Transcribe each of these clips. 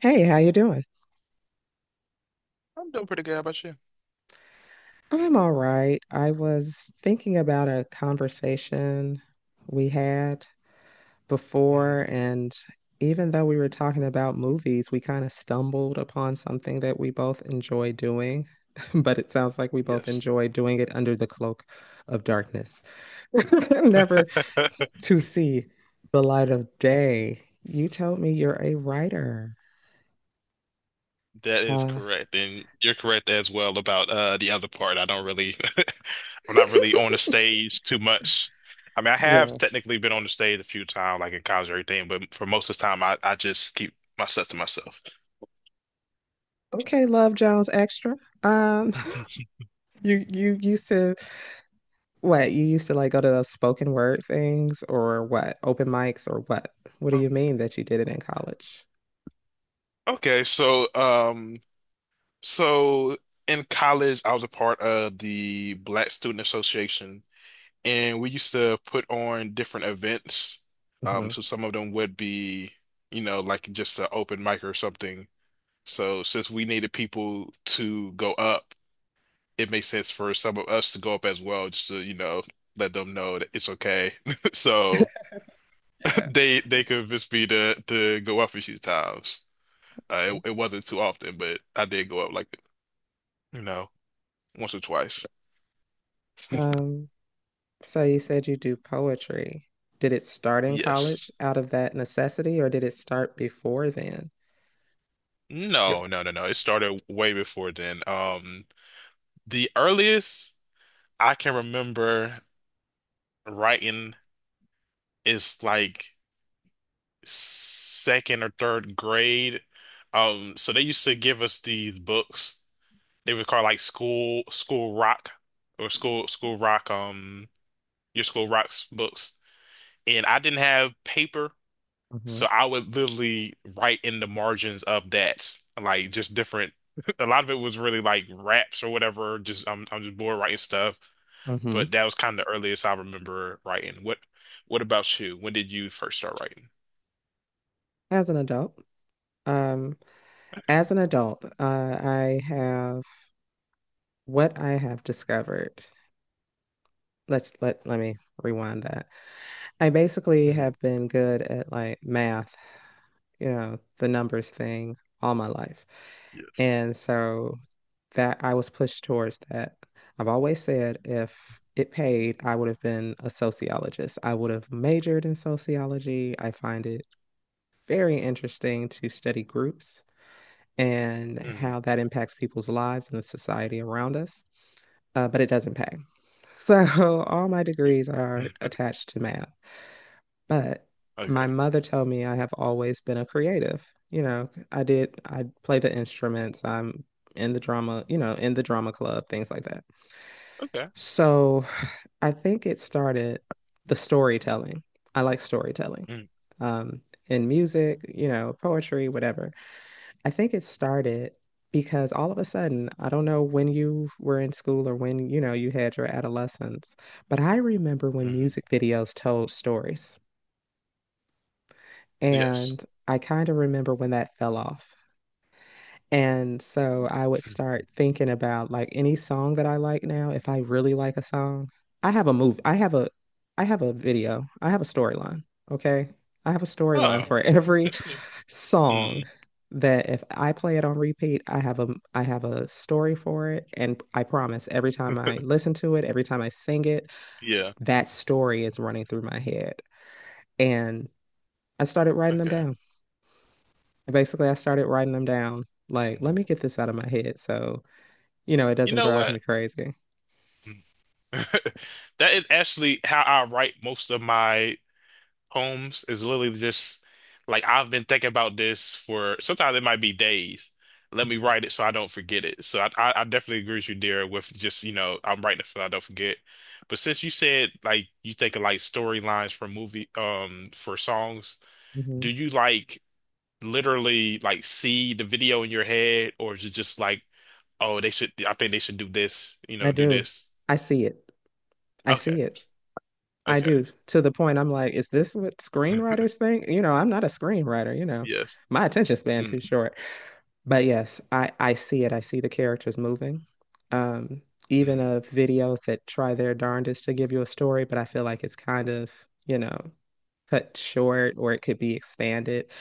Hey, how you doing? I'm doing pretty good. How about you? I'm all right. I was thinking about a conversation we had before, Hmm. and even though we were talking about movies, we kind of stumbled upon something that we both enjoy doing, but it sounds like we both Yes. enjoy doing it under the cloak of darkness, never to see the light of day. You told me you're a writer. That is Uh, correct. And you're correct as well about the other part. I don't really I'm not really on the stage too much. I mean, I have yeah. technically been on the stage a few times, like in college or everything, but for most of the time I just keep my stuff to myself. Okay, Love Jones Extra. Um, Mhm. you used to what? You used to like go to those spoken word things or what? Open mics or what? What do you Um, mean that you did it in college? okay, so so in college I was a part of the Black Student Association. And we used to put on different events. Hmm So some of them would be, you know, like just an open mic or something. So since we needed people to go up, it makes sense for some of us to go up as well, just to, you know, let them know that it's okay. So Yeah. they convinced me to go up a few times. It wasn't too often, but I did go up like, you know, once or twice. Um, so you said you do poetry. Did it start in Yes. college out of that necessity or did it start before then? No, no, no, no. It started way before then. The earliest I can remember writing is like second or third grade. So they used to give us these books. They would call like school rock or school rock your school rocks books. And I didn't have paper, Mm-hmm. so I would literally write in the margins of that, like just different. A lot of it was really like raps or whatever. Just I'm just bored writing stuff. Mm-hmm. But that was kind of the earliest I remember writing. What about you? When did you first start writing? As an adult, um, as an adult, I have what I have discovered let me rewind that. I basically Hmm. have been good at like math, you know, the numbers thing all my life. Yes. And so that I was pushed towards that. I've always said if it paid, I would have been a sociologist. I would have majored in sociology. I find it very interesting to study groups and Hmm. how that impacts people's lives and the society around us. But it doesn't pay. So all my degrees are Mm. attached to math. But my Okay. mother told me I have always been a creative. You know, I did, I play the instruments, I'm in the drama, you know, in the drama club, things like that. Okay. So I think it started the storytelling. I like storytelling. Mm-hmm. Um, in music, you know, poetry, whatever. I think it started because all of a sudden, I don't know when you were in school or when, you know, you had your adolescence, but I remember when Mm-hmm. music videos told stories. Yes. And I kind of remember when that fell off. And so I would Mm. start thinking about like any song that I like now, if I really like a song, I have a move, I have a video. I have a storyline, okay? I have a storyline Oh, for every that's cool. song Mm, that if I play it on repeat, I have a story for it and I promise every time I listen to it, every time I sing it, yeah. that story is running through my head. And I started writing them Okay. down. And basically, I started writing them down. Like, Mm. let me get this out of my head so, you know, it You doesn't know drive what? me crazy. That is actually how I write most of my poems is literally just like I've been thinking about this for sometimes it might be days. Let me write it so I don't forget it. So I definitely agree with you there with just, you know, I'm writing it so I don't forget. But since you said like you think of like storylines for movie for songs, Mm-hmm. do you like literally like see the video in your head or is it just like, oh, they should I think they should do this, you I know, do do. this. I see it. I Okay. see it. I Okay. do. To the point I'm like, is this what screenwriters think? You know, I'm not a screenwriter, you know. Yes. My attention span Mm, too short. But yes, I see it. I see the characters moving. Um, mm, Even right? of videos that try their darndest to give you a story, but I feel like it's kind of, you know, cut short or it could be expanded.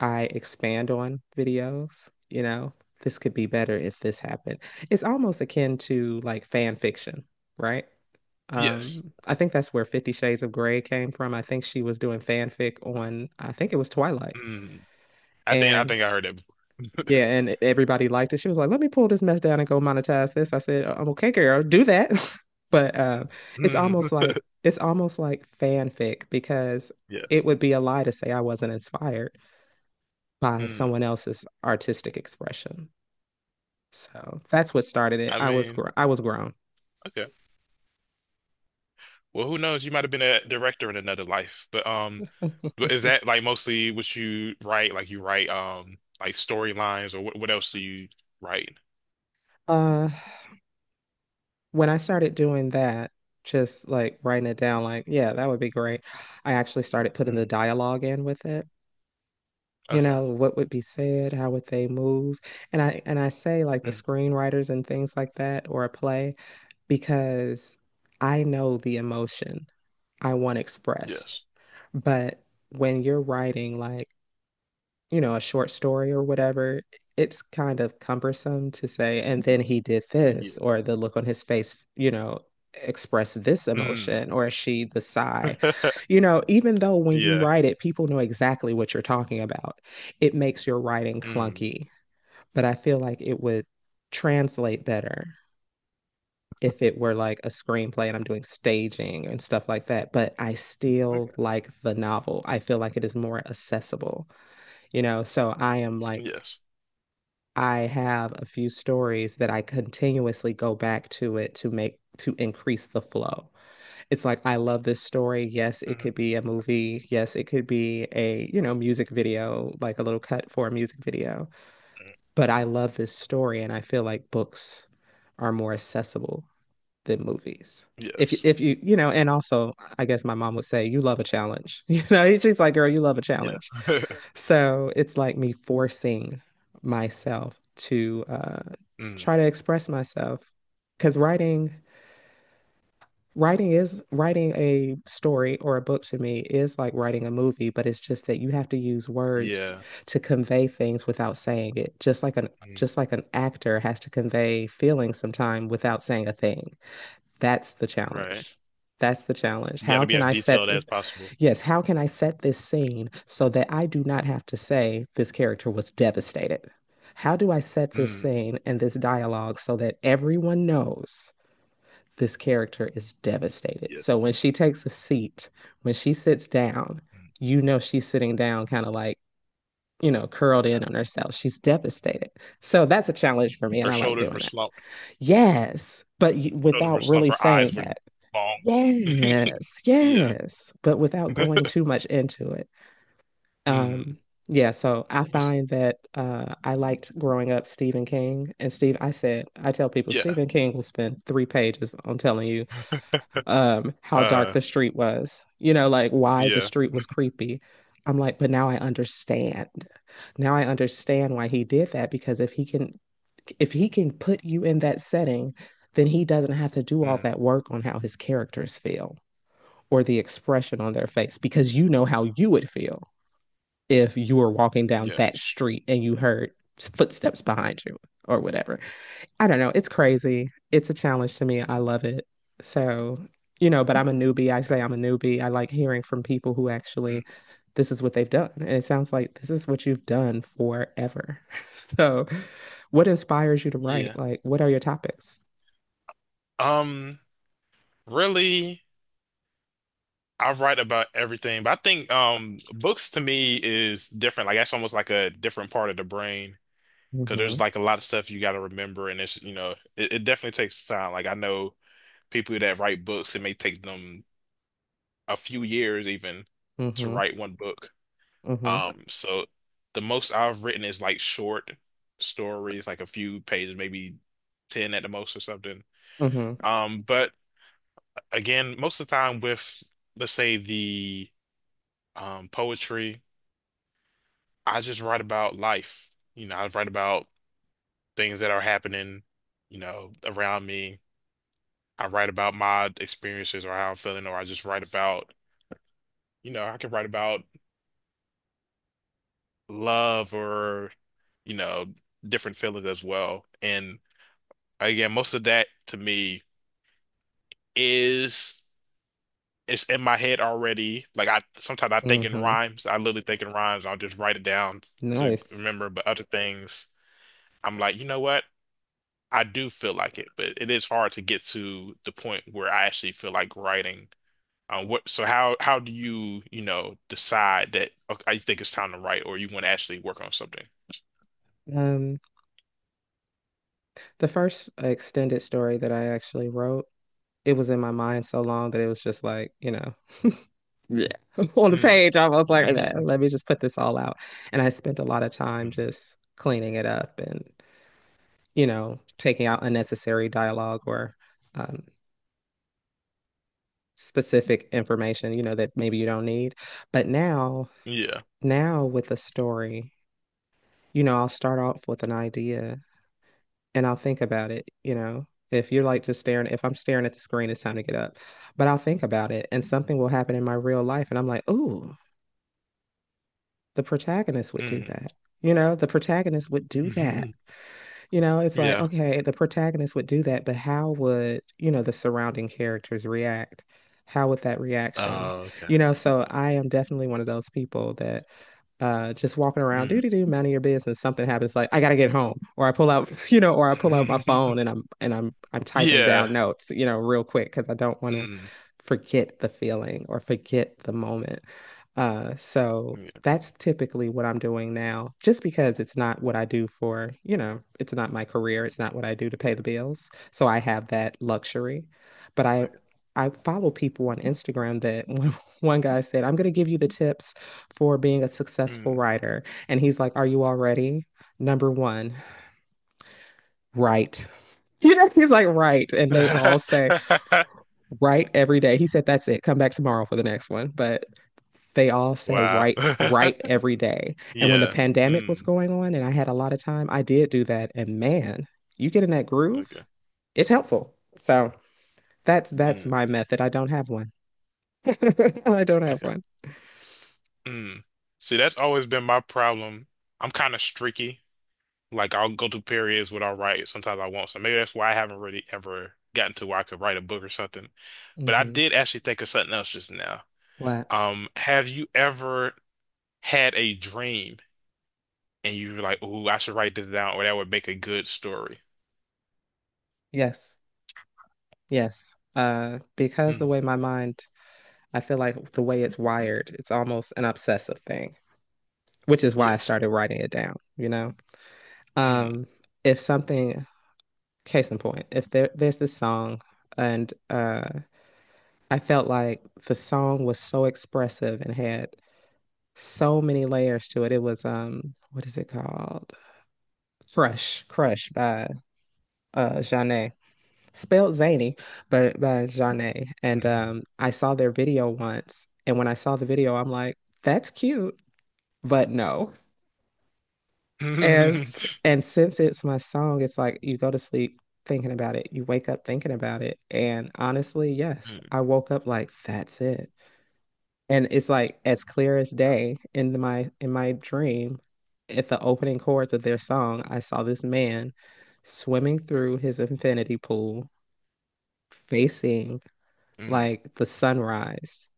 I expand on videos, you know, this could be better if this happened. It's almost akin to like fan fiction, right? Yes. I think that's where Fifty Shades of Grey came from. I think she was doing fanfic on, I think it was Twilight. Mm. I think I And think I heard that before. yeah, and everybody liked it. She was like, let me pull this mess down and go monetize this. I said, I'm okay, girl, do that. But it's Mm, almost like it's almost like fanfic because it yes. would be a lie to say I wasn't inspired by Mm. someone else's artistic expression. So that's what started it. I mean, I was grown. okay. Well, who knows? You might have been a director in another life. But is that like mostly what you write? Like you write like storylines or what else do you write? Uh, when I started doing that, just like writing it down, like, yeah, that would be great. I actually started putting the Mm. dialogue in with it. You Okay. know, what would be said, how would they move? And I say like the Mm. screenwriters and things like that or a play because I know the emotion I want expressed. Yes. But when you're writing like you know, a short story or whatever, it's kind of cumbersome to say, and then he did this, Yeah. or the look on his face, you know, expressed this Mm. emotion, or she, the sigh. You know, even though when you Yeah. write it, people know exactly what you're talking about, it makes your writing Mm. clunky. But I feel like it would translate better if it were like a screenplay and I'm doing staging and stuff like that. But I still Okay. like the novel. I feel like it is more accessible, you know? So I am like, Yes. I have a few stories that I continuously go back to it to make to increase the flow. It's like I love this story. Yes, it Mhm. could be a movie. Yes, it could be a, you know, music video, like a little cut for a music video. But I love this story and I feel like books are more accessible than movies. Yes. If you, you know, and also I guess my mom would say you love a challenge. You know, she's like, girl, you love a Yeah. challenge. So it's like me forcing myself to Mm. try to express myself because writing a story or a book to me is like writing a movie, but it's just that you have to use words Yeah. to convey things without saying it. Just like an Mm. just like an actor has to convey feelings sometime without saying a thing. That's the Right. challenge. That's the challenge. You got How to be can as I set detailed the, as possible. Yes, how can I set this scene so that I do not have to say this character was devastated? How do I set this Mm, scene and this dialogue so that everyone knows this character is devastated? So yes. when she takes a seat, when she sits down, Mm, you know she's sitting down kind of like, you know, curled in yeah. on herself. She's devastated. So that's a challenge for me, and Her I like shoulders doing were that. slumped. Yes, but you, Shoulders were without slumped. really Her saying eyes were that. long. Yes, Yeah. yes, but without going too much into it. Mm, Um, yeah, so I that's- find that I liked growing up Stephen King. And Steve, I said, I tell people yeah. Stephen King will spend three pages on telling you how dark Uh, the street was, you know, like why the yeah. street was creepy. I'm like, but now I understand. Now I understand why he did that because if he can put you in that setting, then he doesn't have to do all Mm, that work on how his characters feel or the expression on their face because you know how you would feel if you were walking down yeah. that street and you heard footsteps behind you or whatever. I don't know. It's crazy. It's a challenge to me. I love it. So, you know, but I'm a newbie. I Okay. say I'm a newbie. I like hearing from people who actually Mm, this is what they've done. And it sounds like this is what you've done forever. So, what inspires you to write? yeah. Like, what are your topics? Um, Really, I write about everything, but I think books to me is different. Like that's almost like a different part of the brain because there's Mm-hmm. like a lot of stuff you got to remember, and it's you know it definitely takes time. Like I know people that write books, it may take them a few years even to Mm-hmm. write one book. Mm-hmm. So the most I've written is like short stories, like a few pages, maybe 10 at the most or something. Mm-hmm. But again, most of the time let's say the poetry, I just write about life. You know, I write about things that are happening, you know, around me. I write about my experiences or how I'm feeling, or I just write about, you know, I can write about love or, you know, different feelings as well. And again, most of that to me is it's in my head already. Like I sometimes I think in Mm-hmm. rhymes. I literally think in rhymes. I'll just write it down to Nice. remember. But other things, I'm like, you know what? I do feel like it, but it is hard to get to the point where I actually feel like writing. So how do you, you know, decide that okay, I think it's time to write or you want to actually work on something? Um, the first extended story that I actually wrote it was in my mind so long that it was just like, you know, Yeah. on the Mm. page, I was like, "Nah, let me just put this all out. And I spent a lot of time just cleaning it up and, you know, taking out unnecessary dialogue or um, specific information, you know, that maybe you don't need. But now, Yeah. now with a story, you know, I'll start off with an idea and I'll think about it, you know. If you're like just staring, if I'm staring at the screen, it's time to get up. But I'll think about it and something will happen in my real life. And I'm like, ooh, the protagonist would do Mm. that. You know, the protagonist would do that. You know, it's like, Yeah. okay, the protagonist would do that, but how would, you know, the surrounding characters react? How would that reaction? Oh, okay. You know, so I am definitely one of those people that just walking around do Mm. do do, minding your business something happens like I gotta get home or I pull out you know or I pull out my phone and I'm typing Yeah. down notes you know real quick because I don't want to Mm. forget the feeling or forget the moment so Yeah. that's typically what I'm doing now just because it's not what I do for you know it's not my career it's not what I do to pay Yeah. the bills so I have that luxury but I Okay. I follow people on Instagram that one guy said, I'm going to give you the tips for being a successful Mm. writer. And he's like, are you all ready? Number one, write. You know, he's like, write. And they all say, write every day. He said, that's it. Come back tomorrow for the next one. But they all say, Wow. write, write every day. And when the Yeah. pandemic was Mm. going on and I had a lot of time, I did do that. And man, you get in that groove, Okay. it's helpful. So that's Mm. my method. I don't have one. I don't have Okay. one. Mm. See, that's always been my problem. I'm kind of streaky. Like I'll go through periods where I'll write. Sometimes I won't. So maybe that's why I haven't really ever gotten to where I could write a book or something. But I Hmm did actually think of something else just now. What? Have you ever had a dream and you're like, "Ooh, I should write this down, or that would make a good story." Yes. Yes. Because the Mm, way my mind, I feel like the way it's wired, it's almost an obsessive thing, which is why I yes. started writing it down, you know? Mm. Um, if something, case in point, if there's this song and I felt like the song was so expressive and had so many layers to it. It was what is it called? Crush by Janae. Spelled zany, but by Janae. And I saw their video once, and when I saw the video, I'm like, that's cute, but no. And since it's my song, it's like you go to sleep thinking about it, you wake up thinking about it. And honestly, yes, I Mm, woke up like, that's it. And it's like as clear as day in my dream at the opening chords of their song. I saw this man swimming through his infinity pool facing mm. like the sunrise,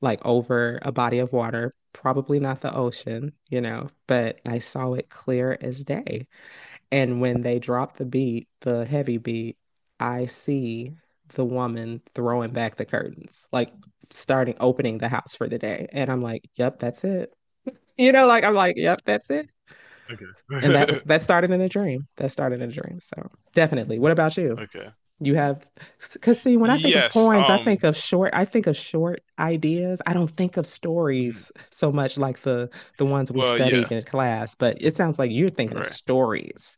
like over a body of water, probably not the ocean, you know, but I saw it clear as day. And when they drop the beat, the heavy beat, I see the woman throwing back the curtains, like starting opening the house for the day. And I'm like, yep, that's it. You know, like I'm like, yep, that's it. And that Okay. was that started in a dream. That started in a dream. So definitely. What about you? Okay. You have, because see, when I think of Yes. poems, I think of short. I think of short ideas. I don't think of Mm. stories so much like the ones we Well, studied yeah. in class. But it sounds like you're thinking of Right. stories.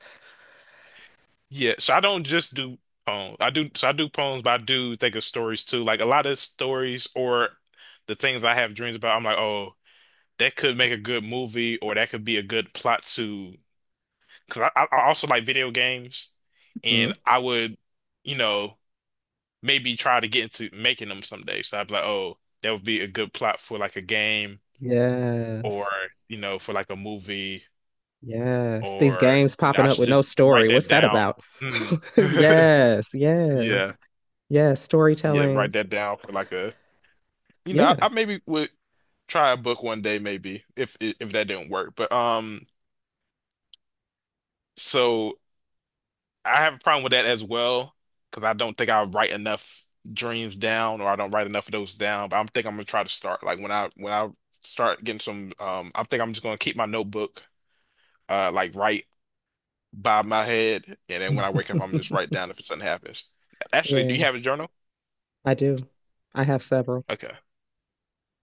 Yeah. So I don't just do poems. I do. So I do poems, but I do think of stories too. Like a lot of stories or the things I have dreams about. I'm like, oh, that could make a good movie, or that could be a good plot to. Because I also like video games, and Hmm. I would, you know, maybe try to get into making them someday. So I'd be like, oh, that would be a good plot for like a game or, Yes. you know, for like a movie Yes. These or, games you know, popping I up should with no just write story. that What's that down. about? Mm. Yes. Yeah. Yes. Yes. Yeah, Storytelling. write that down for like a, you know, Yeah. I maybe would try a book one day maybe if that didn't work. But So I have a problem with that as well because I don't think I write enough dreams down or I don't write enough of those down. But I'm think I'm gonna try to start like when I start getting some I think I'm just gonna keep my notebook like right by my head and then when I wake up I'm just write down if something happens. Actually, do you Yeah, have a journal? I do. I have several. Okay.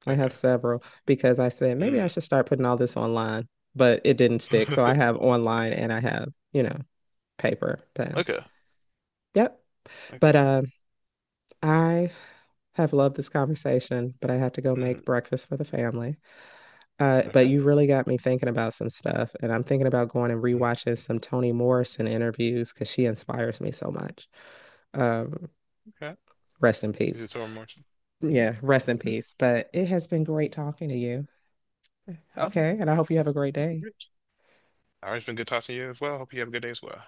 I have Okay. several because I said maybe I Mm. should start putting all this online, but it didn't stick. So I have online and I have, you know, paper pen. Okay. Yep. But Okay. I have loved this conversation, but I have to go make Mm. breakfast for the family. But Okay. you really got me thinking about some stuff, and I'm thinking about going and rewatching some Toni Morrison interviews because she inspires me so much. Um, Okay. Rest in See you peace. tomorrow, Martin. Yeah, rest in Yeah. peace. But it has been great talking to you. Okay, and I hope you have a great day. All right. It's been good talking to you as well. Hope you have a good day as well.